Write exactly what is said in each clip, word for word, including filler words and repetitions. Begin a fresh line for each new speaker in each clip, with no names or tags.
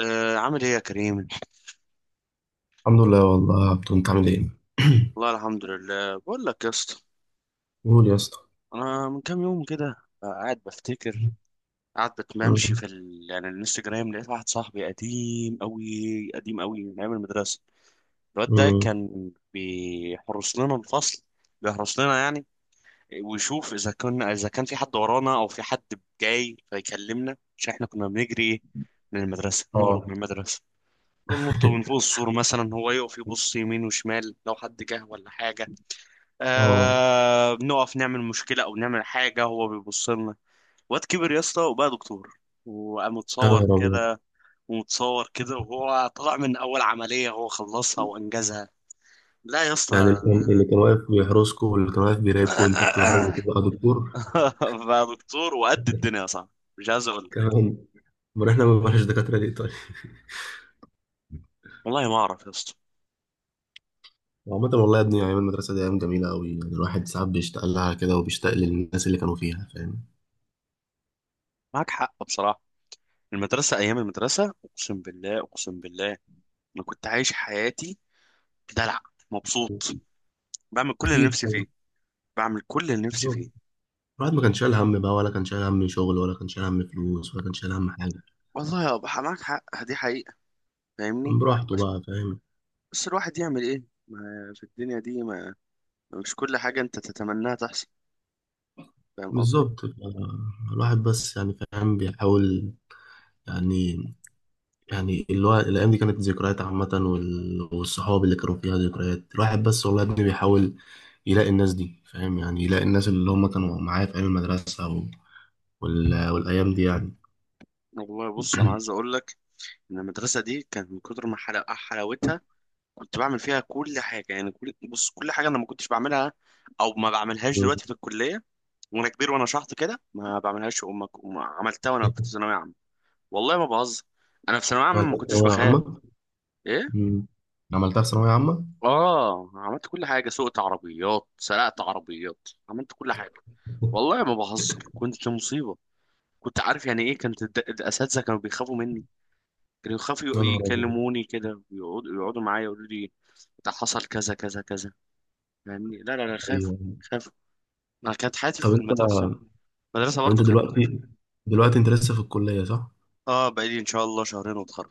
آه عامل ايه يا كريم؟
الحمد لله والله يا عبدو، انت عامل ايه؟
والله الحمد لله، بقول لك يا اسطى،
قول يا اسطى.
انا من كام يوم كده، آه، قاعد بفتكر قاعد بتمشي
مم.
في ال... يعني الانستجرام، لقيت واحد صاحبي قديم قوي قديم قوي من ايام المدرسه. الواد ده
مم.
كان بيحرس لنا الفصل، بيحرس لنا يعني، ويشوف اذا كنا اذا كان في حد ورانا او في حد جاي فيكلمنا، عشان احنا كنا بنجري من المدرسه، نهرب من
اه.
المدرسه، بننط من فوق السور مثلا. هو يقف يبص يمين وشمال لو حد جه ولا حاجه.
اه.
آه، بنقف نعمل مشكلة أو نعمل حاجة، هو بيبص لنا. واد كبر يا اسطى وبقى دكتور، وقام
يا
متصور
نهار ابيض.
كده، ومتصور كده وهو طلع من أول عملية هو خلصها وأنجزها. لا يا
يعني
اسطى،
اللي كان اللي كان واقف بيحرسكم واللي كان واقف بيراقبكم انتوا بتهربوا تبقى دكتور؟
بقى دكتور وقد الدنيا، صح؟ مش عايز أقول لك.
كمان. امال احنا ما بنبقاش دكاتره ليه طيب؟
والله ما أعرف يا اسطى.
وعامة والله يا ابني، ايام المدرسه دي ايام جميله قوي، يعني الواحد ساعات بيشتاق لها كده وبيشتاق للناس اللي كانوا فيها، فاهم؟
معاك حق بصراحة، المدرسة، أيام المدرسة، أقسم بالله أقسم بالله، أنا كنت عايش حياتي، بدلع، مبسوط، بعمل كل اللي
اكيد
نفسي
طبعا.
فيه، بعمل كل اللي نفسي
بالظبط.
فيه.
الواحد ما كانش شايل هم بقى، ولا كان شايل هم شغل، ولا كان شايل هم فلوس، ولا كان شايل هم حاجه.
والله يا أبو، معاك حق، دي حقيقة.
كان
فاهمني؟
براحته
بس
بقى، فاهم.
بس الواحد يعمل ايه؟ ما في الدنيا دي، ما مش كل حاجة انت تتمناها تحصل، فاهم قصدي؟
بالظبط آه، الواحد بس يعني فاهم بيحاول يعني. يعني اللي هو الأيام دي كانت ذكريات عامة، وال- والصحاب اللي كانوا فيها ذكريات، الواحد بس والله يا ابني بيحاول يلاقي الناس دي، فاهم يعني، يلاقي الناس اللي هم كانوا معاه في أيام المدرسة و- وال... والأيام دي يعني.
والله بص، انا عايز اقول لك ان المدرسة دي كانت من كتر ما حلا- حلاوتها، كنت بعمل فيها كل حاجة يعني، كل بص كل حاجة انا ما كنتش بعملها او ما بعملهاش دلوقتي في الكلية وانا كبير وانا شحط كده. ما بعملهاش، وما وما عملتها وانا كنت في ثانوية عامة. والله ما بهزر، انا في ثانوية عامة ما
عملتها في
كنتش
ثانوية
بخاف.
عامة؟
ايه،
مم. عملتها في ثانوية عامة؟
اه، عملت كل حاجه، سوقت عربيات، سرقت عربيات، عملت كل حاجه. والله ما بهزر، كنت مصيبه. كنت عارف يعني ايه؟ كانت الد- الاساتذه كانوا بيخافوا مني، كانوا
يا
يخافوا
نهار أبيض.
يكلموني كده، ويقعدوا يقعدوا معايا يقولوا لي ده حصل كذا كذا كذا، يعني لا لا لا، خافوا،
أيوه.
خافوا. انا كانت حياتي في
طب أنت.
المدرسه، المدرسه
طب أنت
برضو كانت مخيفه.
دلوقتي، دلوقتي أنت لسه في الكلية صح؟
اه، بقالي ان شاء الله شهرين واتخرج.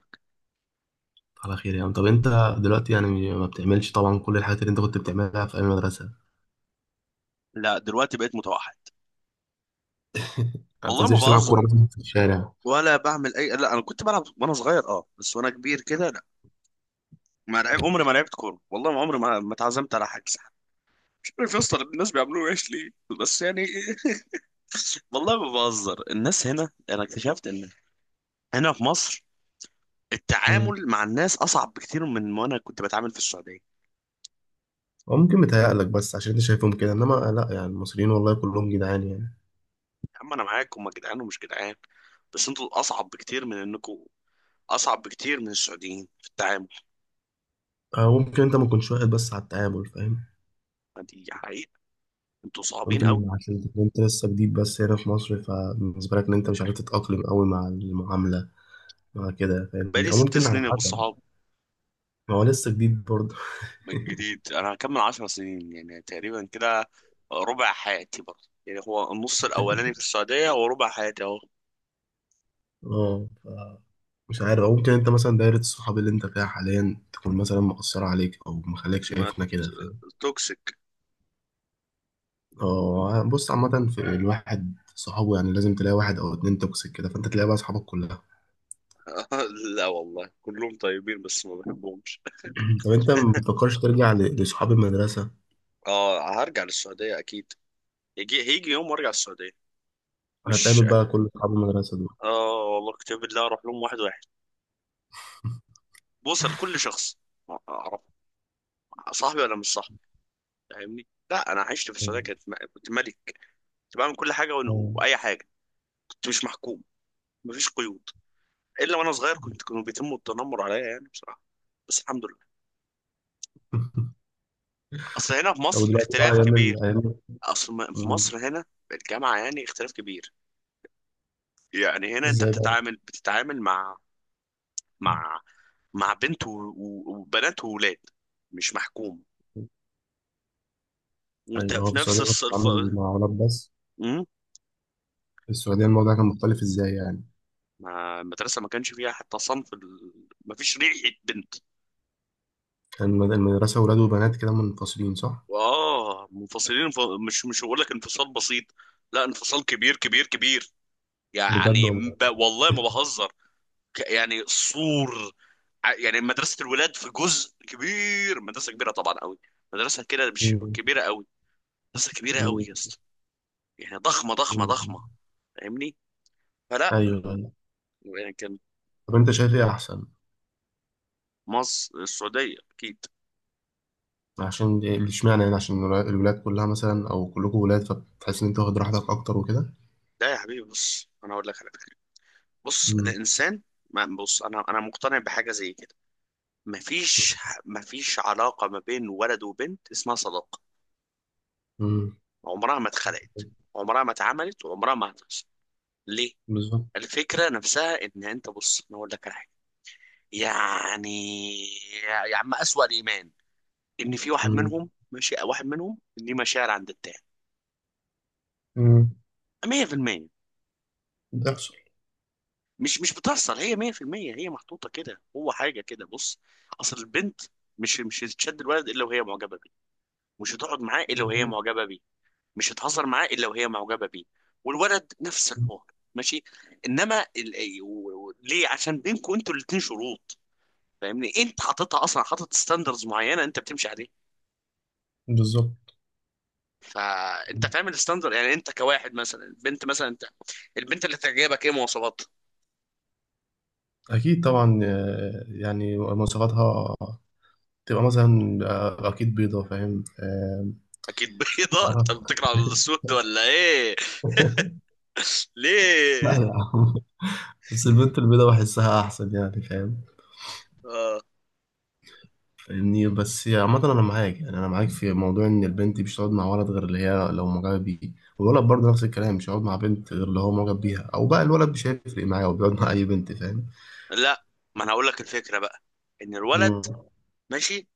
على خير يا عم. طب انت دلوقتي يعني ما بتعملش طبعا كل الحاجات اللي انت كنت بتعملها في ايام المدرسه؟
لا دلوقتي بقيت متوحد،
ما
والله ما
بتنزلش تلعب
بهزر،
كوره مثلا في الشارع؟
ولا بعمل اي، لا انا كنت بلعب وانا صغير اه، بس وانا كبير كده، ما لعب عمري ما لعبت كوره، والله ما عمري ما ما اتعزمت على حجز. مش عارف يا اسطى، الناس بيعملوه ايش ليه؟ بس يعني والله ما بهزر، الناس هنا، انا اكتشفت ان هنا في مصر
مم.
التعامل مع الناس اصعب بكتير من ما انا كنت بتعامل في السعوديه. يا
او ممكن متهيألك بس عشان انت شايفهم كده، انما لا، يعني المصريين والله كلهم جدعان يعني.
عم انا معاكم، هم جدعان ومش جدعان، بس انتوا اصعب بكتير من انكم اصعب بكتير من السعوديين في التعامل.
او ممكن انت ما كنتش واخد بس على التعامل، فاهم.
دي حقيقه، انتوا صعبين قوي.
ممكن عشان تكون انت لسه جديد بس هنا في مصر، فبالنسبه لك ان انت مش عارف تتاقلم قوي مع المعامله مع كده، فاهمني،
بقالي
او
ست
ممكن على
سنين يا ابو
حسب.
الصحاب،
ما هو لسه جديد برضه.
جديد. انا هكمل عشر سنين يعني تقريبا كده، ربع حياتي برضه، يعني هو النص الاولاني في السعودية وربع حياتي اهو.
اه ف- مش عارف، او ممكن انت مثلا دايرة الصحاب اللي انت فيها حاليا تكون مثلا مقصرة عليك او مخليك
ما ت-
شايفنا كده، فاهم.
توكسيك.
اه بص، عامة في الواحد صحابه يعني لازم تلاقي واحد او اتنين توكسيك كده، فانت تلاقي بقى صحابك كلها.
لا والله كلهم طيبين بس ما بحبهمش.
طب انت ما بتفكرش ترجع ل- لصحاب المدرسة؟
اه، هرجع للسعودية اكيد، يجي هيجي يوم وارجع السعودية، مش
هتقابل بقى كل صحاب المدرسة دول؟
اه والله كتاب الله اروح لهم واحد واحد، بوصل لكل شخص، اعرف صاحبي ولا مش صاحبي، فاهمني؟ لا انا عشت في السعودية،
مم.
كنت كنت ملك، كنت بعمل كل حاجة، وأنا-
مم.
واي حاجة، كنت مش محكوم، مفيش قيود. الا وانا صغير كنت كانوا بيتموا التنمر عليا، يعني بصراحه، بس الحمد لله. اصل هنا في
طب
مصر
دلوقتي بقى
اختلاف
ايام
كبير،
ال- ايام.
اصل م- في
مم.
مصر هنا الجامعه يعني اختلاف كبير، يعني هنا انت
ازاي بقى؟
بتتعامل بتتعامل مع مع مع بنت و- و- وبنات وولاد، مش محكوم وانت
ايوه، هو
في
في
نفس
السعودية كنت
الصف.
بتتعامل مع ولاد بس؟
امم،
في السعودية الموضوع كان مختلف ازاي يعني؟
ما المدرسه ما كانش فيها حتى صنف ال... ما فيش ريحه بنت.
الم- المدرسة ولاد وبنات كده منفصلين صح؟
واه منفصلين، ف... مش مش هقول لك انفصال بسيط، لا، انفصال كبير كبير كبير،
بجد
يعني
والله.
ب... والله ما بهزر، ك- يعني سور، ع- يعني مدرسة الولاد في جزء كبير، مدرسة كبيرة طبعا قوي، مدرسة كده مش
مم.
كبيرة قوي، مدرسة كبيرة قوي
مم.
يا اسطى، يعني ضخمة ضخمة
مم.
ضخمة. فاهمني؟ فلا
أيوه أيوه.
يعني كان،
طب أنت شايف إيه أحسن؟
مصر السعودية أكيد.
عشان دي- اشمعنى يعني، عشان الولا- الولاد كلها مثلا أو كلكم ولاد، فبتحس إن أنت واخد راحتك أكتر وكده؟
لا يا حبيبي، بص أنا أقول لك على فكرة، بص
مم.
الإنسان، ما بص أنا أنا مقتنع بحاجة زي كده. مفيش مفيش علاقة ما بين ولد وبنت اسمها صداقة،
مم.
عمرها ما اتخلقت، عمرها ما اتعملت، وعمرها ما هتحصل. ليه؟
بالظبط.
الفكرة نفسها ان انت، بص انا اقول لك على حاجة، يعني يا يا عم، اسوأ الايمان ان في واحد
مم.
منهم ماشي، واحد منهم ليه مشاعر عند التاني
مم.
مية في المية.
بتحصل.
مش مش بتحصل هي مية في المية، هي محطوطة كده، هو حاجة كده، بص اصل البنت، مش مش هتشد الولد الا وهي معجبة بيه، مش هتقعد معاه الا وهي معجبة بيه، مش هتهزر معاه الا وهي معجبة بيه، والولد نفس الحوار ماشي. انما ال... و- و- ليه؟ عشان بينكم انتوا الاتنين شروط، فاهمني؟ انت حاططها اصلا، حاطط ستاندرز معينه انت بتمشي عليها،
بالظبط.
فانت فاهم الستاندرد. يعني انت كواحد، مثلا البنت، مثلا انت البنت اللي تعجبك، ايه مواصفات؟
أكيد طبعا آه، يعني مواصفاتها تبقى مثلا آه، أكيد بيضة، فاهم؟ آه.
اكيد بيضاء؟ انت
عرب.
بتكره السود ولا ايه؟
لا
ليه؟
لا، بس البنت البيضاء بحسها احسن يعني، فاهم،
آه.
فاهمني. بس عامة انا معاك، يعني انا معاك في موضوع ان البنت مش هتقعد مع ولد غير اللي هي لو معجبة بيه، والولد برضه نفس الكلام، مش هيقعد مع بنت غير اللي هو معجب بيها، او بقى الولد مش هيفرق معاه وبيقعد مع اي بنت، فاهم.
لا ما انا هقول لك الفكره بقى، ان الولد
مم.
ماشي،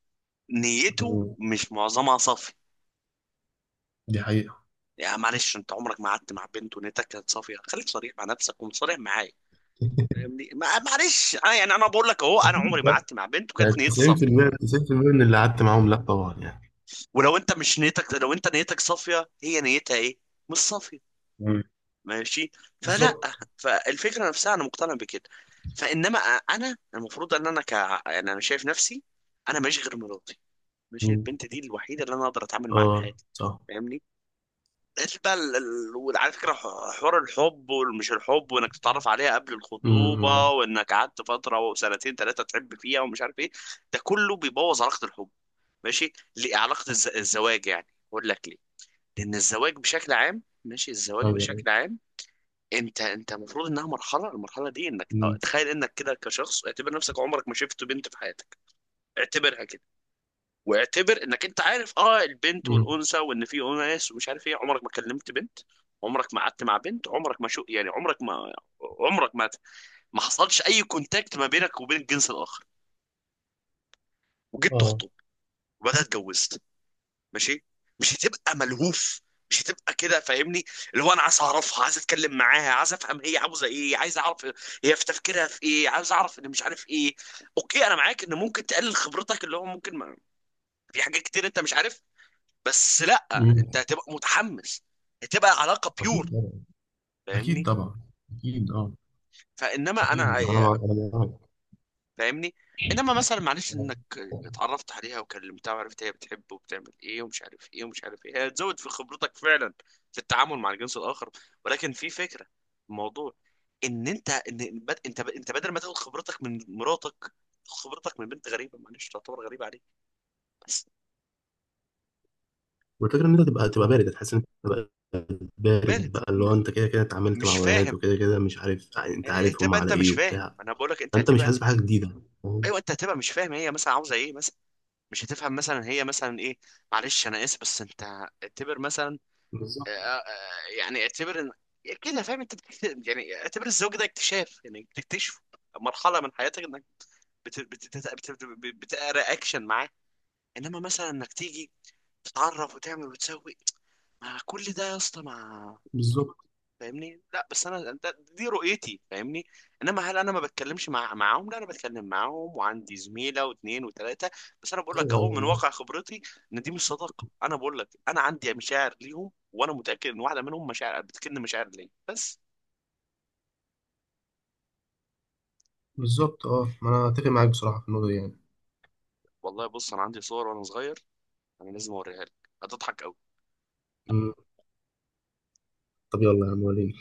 نيته
مم.
مش معظمها صافي.
دي حقيقة.
يا معلش، انت عمرك ما قعدت مع بنت ونيتك كانت صافيه؟ خليك صريح مع نفسك وصريح معايا، فاهمني؟ ما- معلش انا يعني، انا بقول لك اهو، انا عمري
أكيد
ما
لا،
قعدت مع بنت
يعني
وكانت نيتي صافيه.
تسعين بالمية تسعين بالمية من اللي قعدت معاهم لا طبعا يعني.
ولو انت مش نيتك، لو انت نيتك صافيه، هي نيتها ايه؟ مش صافيه.
مم.
ماشي، فلا،
بالظبط.
فالفكره نفسها انا مقتنع بكده. فانما انا المفروض ان انا ك، يعني انا شايف نفسي انا ماشي غير مراتي، ماشي،
مم.
البنت دي الوحيده اللي انا اقدر اتعامل معاها في
اه
حياتي،
صح.
فاهمني؟ قلت بقى ال- ال- وعلى فكره ح- حوار الحب والمش الحب، وانك تتعرف عليها قبل الخطوبه،
مم.
وانك قعدت فتره وسنتين ثلاثه تحب فيها ومش عارف ايه، ده كله بيبوظ علاقه الحب، ماشي؟ ليه- علاقه الز- الزواج يعني، اقول لك ليه. لان الزواج بشكل عام، ماشي، الزواج
ايوه أيوة.
بشكل عام، انت انت المفروض انها مرحله، المرحله دي، انك اه،
مم.
تخيل انك كده كشخص، اعتبر نفسك عمرك ما شفت بنت في حياتك، اعتبرها كده، واعتبر انك انت عارف اه البنت
مم.
والانثى، وان في اناس ومش عارف ايه، عمرك ما كلمت بنت، عمرك ما قعدت مع بنت، عمرك ما شو يعني، عمرك ما عمرك ما ما حصلش اي كونتاكت ما بينك وبين الجنس الاخر، وجيت
اه.
تخطب، وبعدها اتجوزت ماشي، مش هتبقى ملهوف، مش هتبقى كده، فاهمني؟ اللي هو انا عايز اعرفها، عايز اتكلم معاها، عايز افهم هي عاوزه ايه، عايز اعرف هي في تفكيرها في ايه، عايز اعرف ان مش عارف ايه. اوكي، انا معاك ان ممكن تقلل خبرتك، اللي هو ممكن ما... في حاجات كتير انت مش عارف، بس لا
مم.
انت هتبقى متحمس، هتبقى علاقه بيور،
اكيد طبعا.
فاهمني؟
اكيد طبعا. اكيد اه.
فانما انا،
اكيد انا مع... انا معاك.
فاهمني؟ انما مثلا معلش، انك اتعرفت عليها وكلمتها وعرفت هي بتحب وبتعمل ايه ومش عارف ايه ومش عارف ايه، هي هتزود في خبرتك فعلا في التعامل مع الجنس الاخر، ولكن في فكره الموضوع، ان انت، ان بد- انت انت بدل ما تاخد خبرتك من مراتك، تاخد خبرتك من بنت غريبه، معلش تعتبر غريبه عليك. بس
والفكره ان انت تبقى، تبقى بارد، هتحس ان انت تبقى
وارد.
بارد بقى، اللي هو
إن-
انت كده كده اتعاملت
مش
مع بنات
فاهم.
وكده كده مش عارف، انت
إيه،
عارفهم
هتبقى
على
انت مش
ايه
فاهم،
وبتاع،
انا بقول لك انت
فانت مش
هتبقى
حاسس
انت،
بحاجه جديده، فاهم؟
ايوه، انت هتبقى مش فاهم هي مثلا عاوزه ايه مثلا، مش هتفهم مثلا هي مثلا ايه، معلش انا اسف بس انت اعتبر مثلا،
بالظبط.
يعني اعتبر ان كده فاهم، انت بت- يعني اعتبر الزواج ده اكتشاف، يعني بتكتشفه مرحله من حياتك، انك بت... بت... بت... بت... بت- بتقرا اكشن معاه، انما مثلا انك تيجي تتعرف وتعمل وتسوي، ما كل ده يا اسطى ما،
بالظبط.
فاهمني؟ لا بس انا ده- دي رؤيتي، فاهمني؟ انما هل انا ما بتكلمش مع معاهم؟ لا، انا بتكلم معاهم وعندي زميله واثنين وثلاثه، بس انا بقول لك
ايوه
اهو
أيوة، أنا
من واقع
معاك.
خبرتي ان دي مش صداقه. انا بقول لك انا عندي مشاعر ليهم، وانا متاكد ان واحده منهم مشاعر بتكن مشاعر ليا بس.
بالظبط اه، ما انا اتفق معاك بصراحه في النقطه دي يعني.
والله بص، انا عندي صور وانا صغير، انا لازم اوريها لك، هتضحك قوي.
مم. طب يلا يا عم وريني.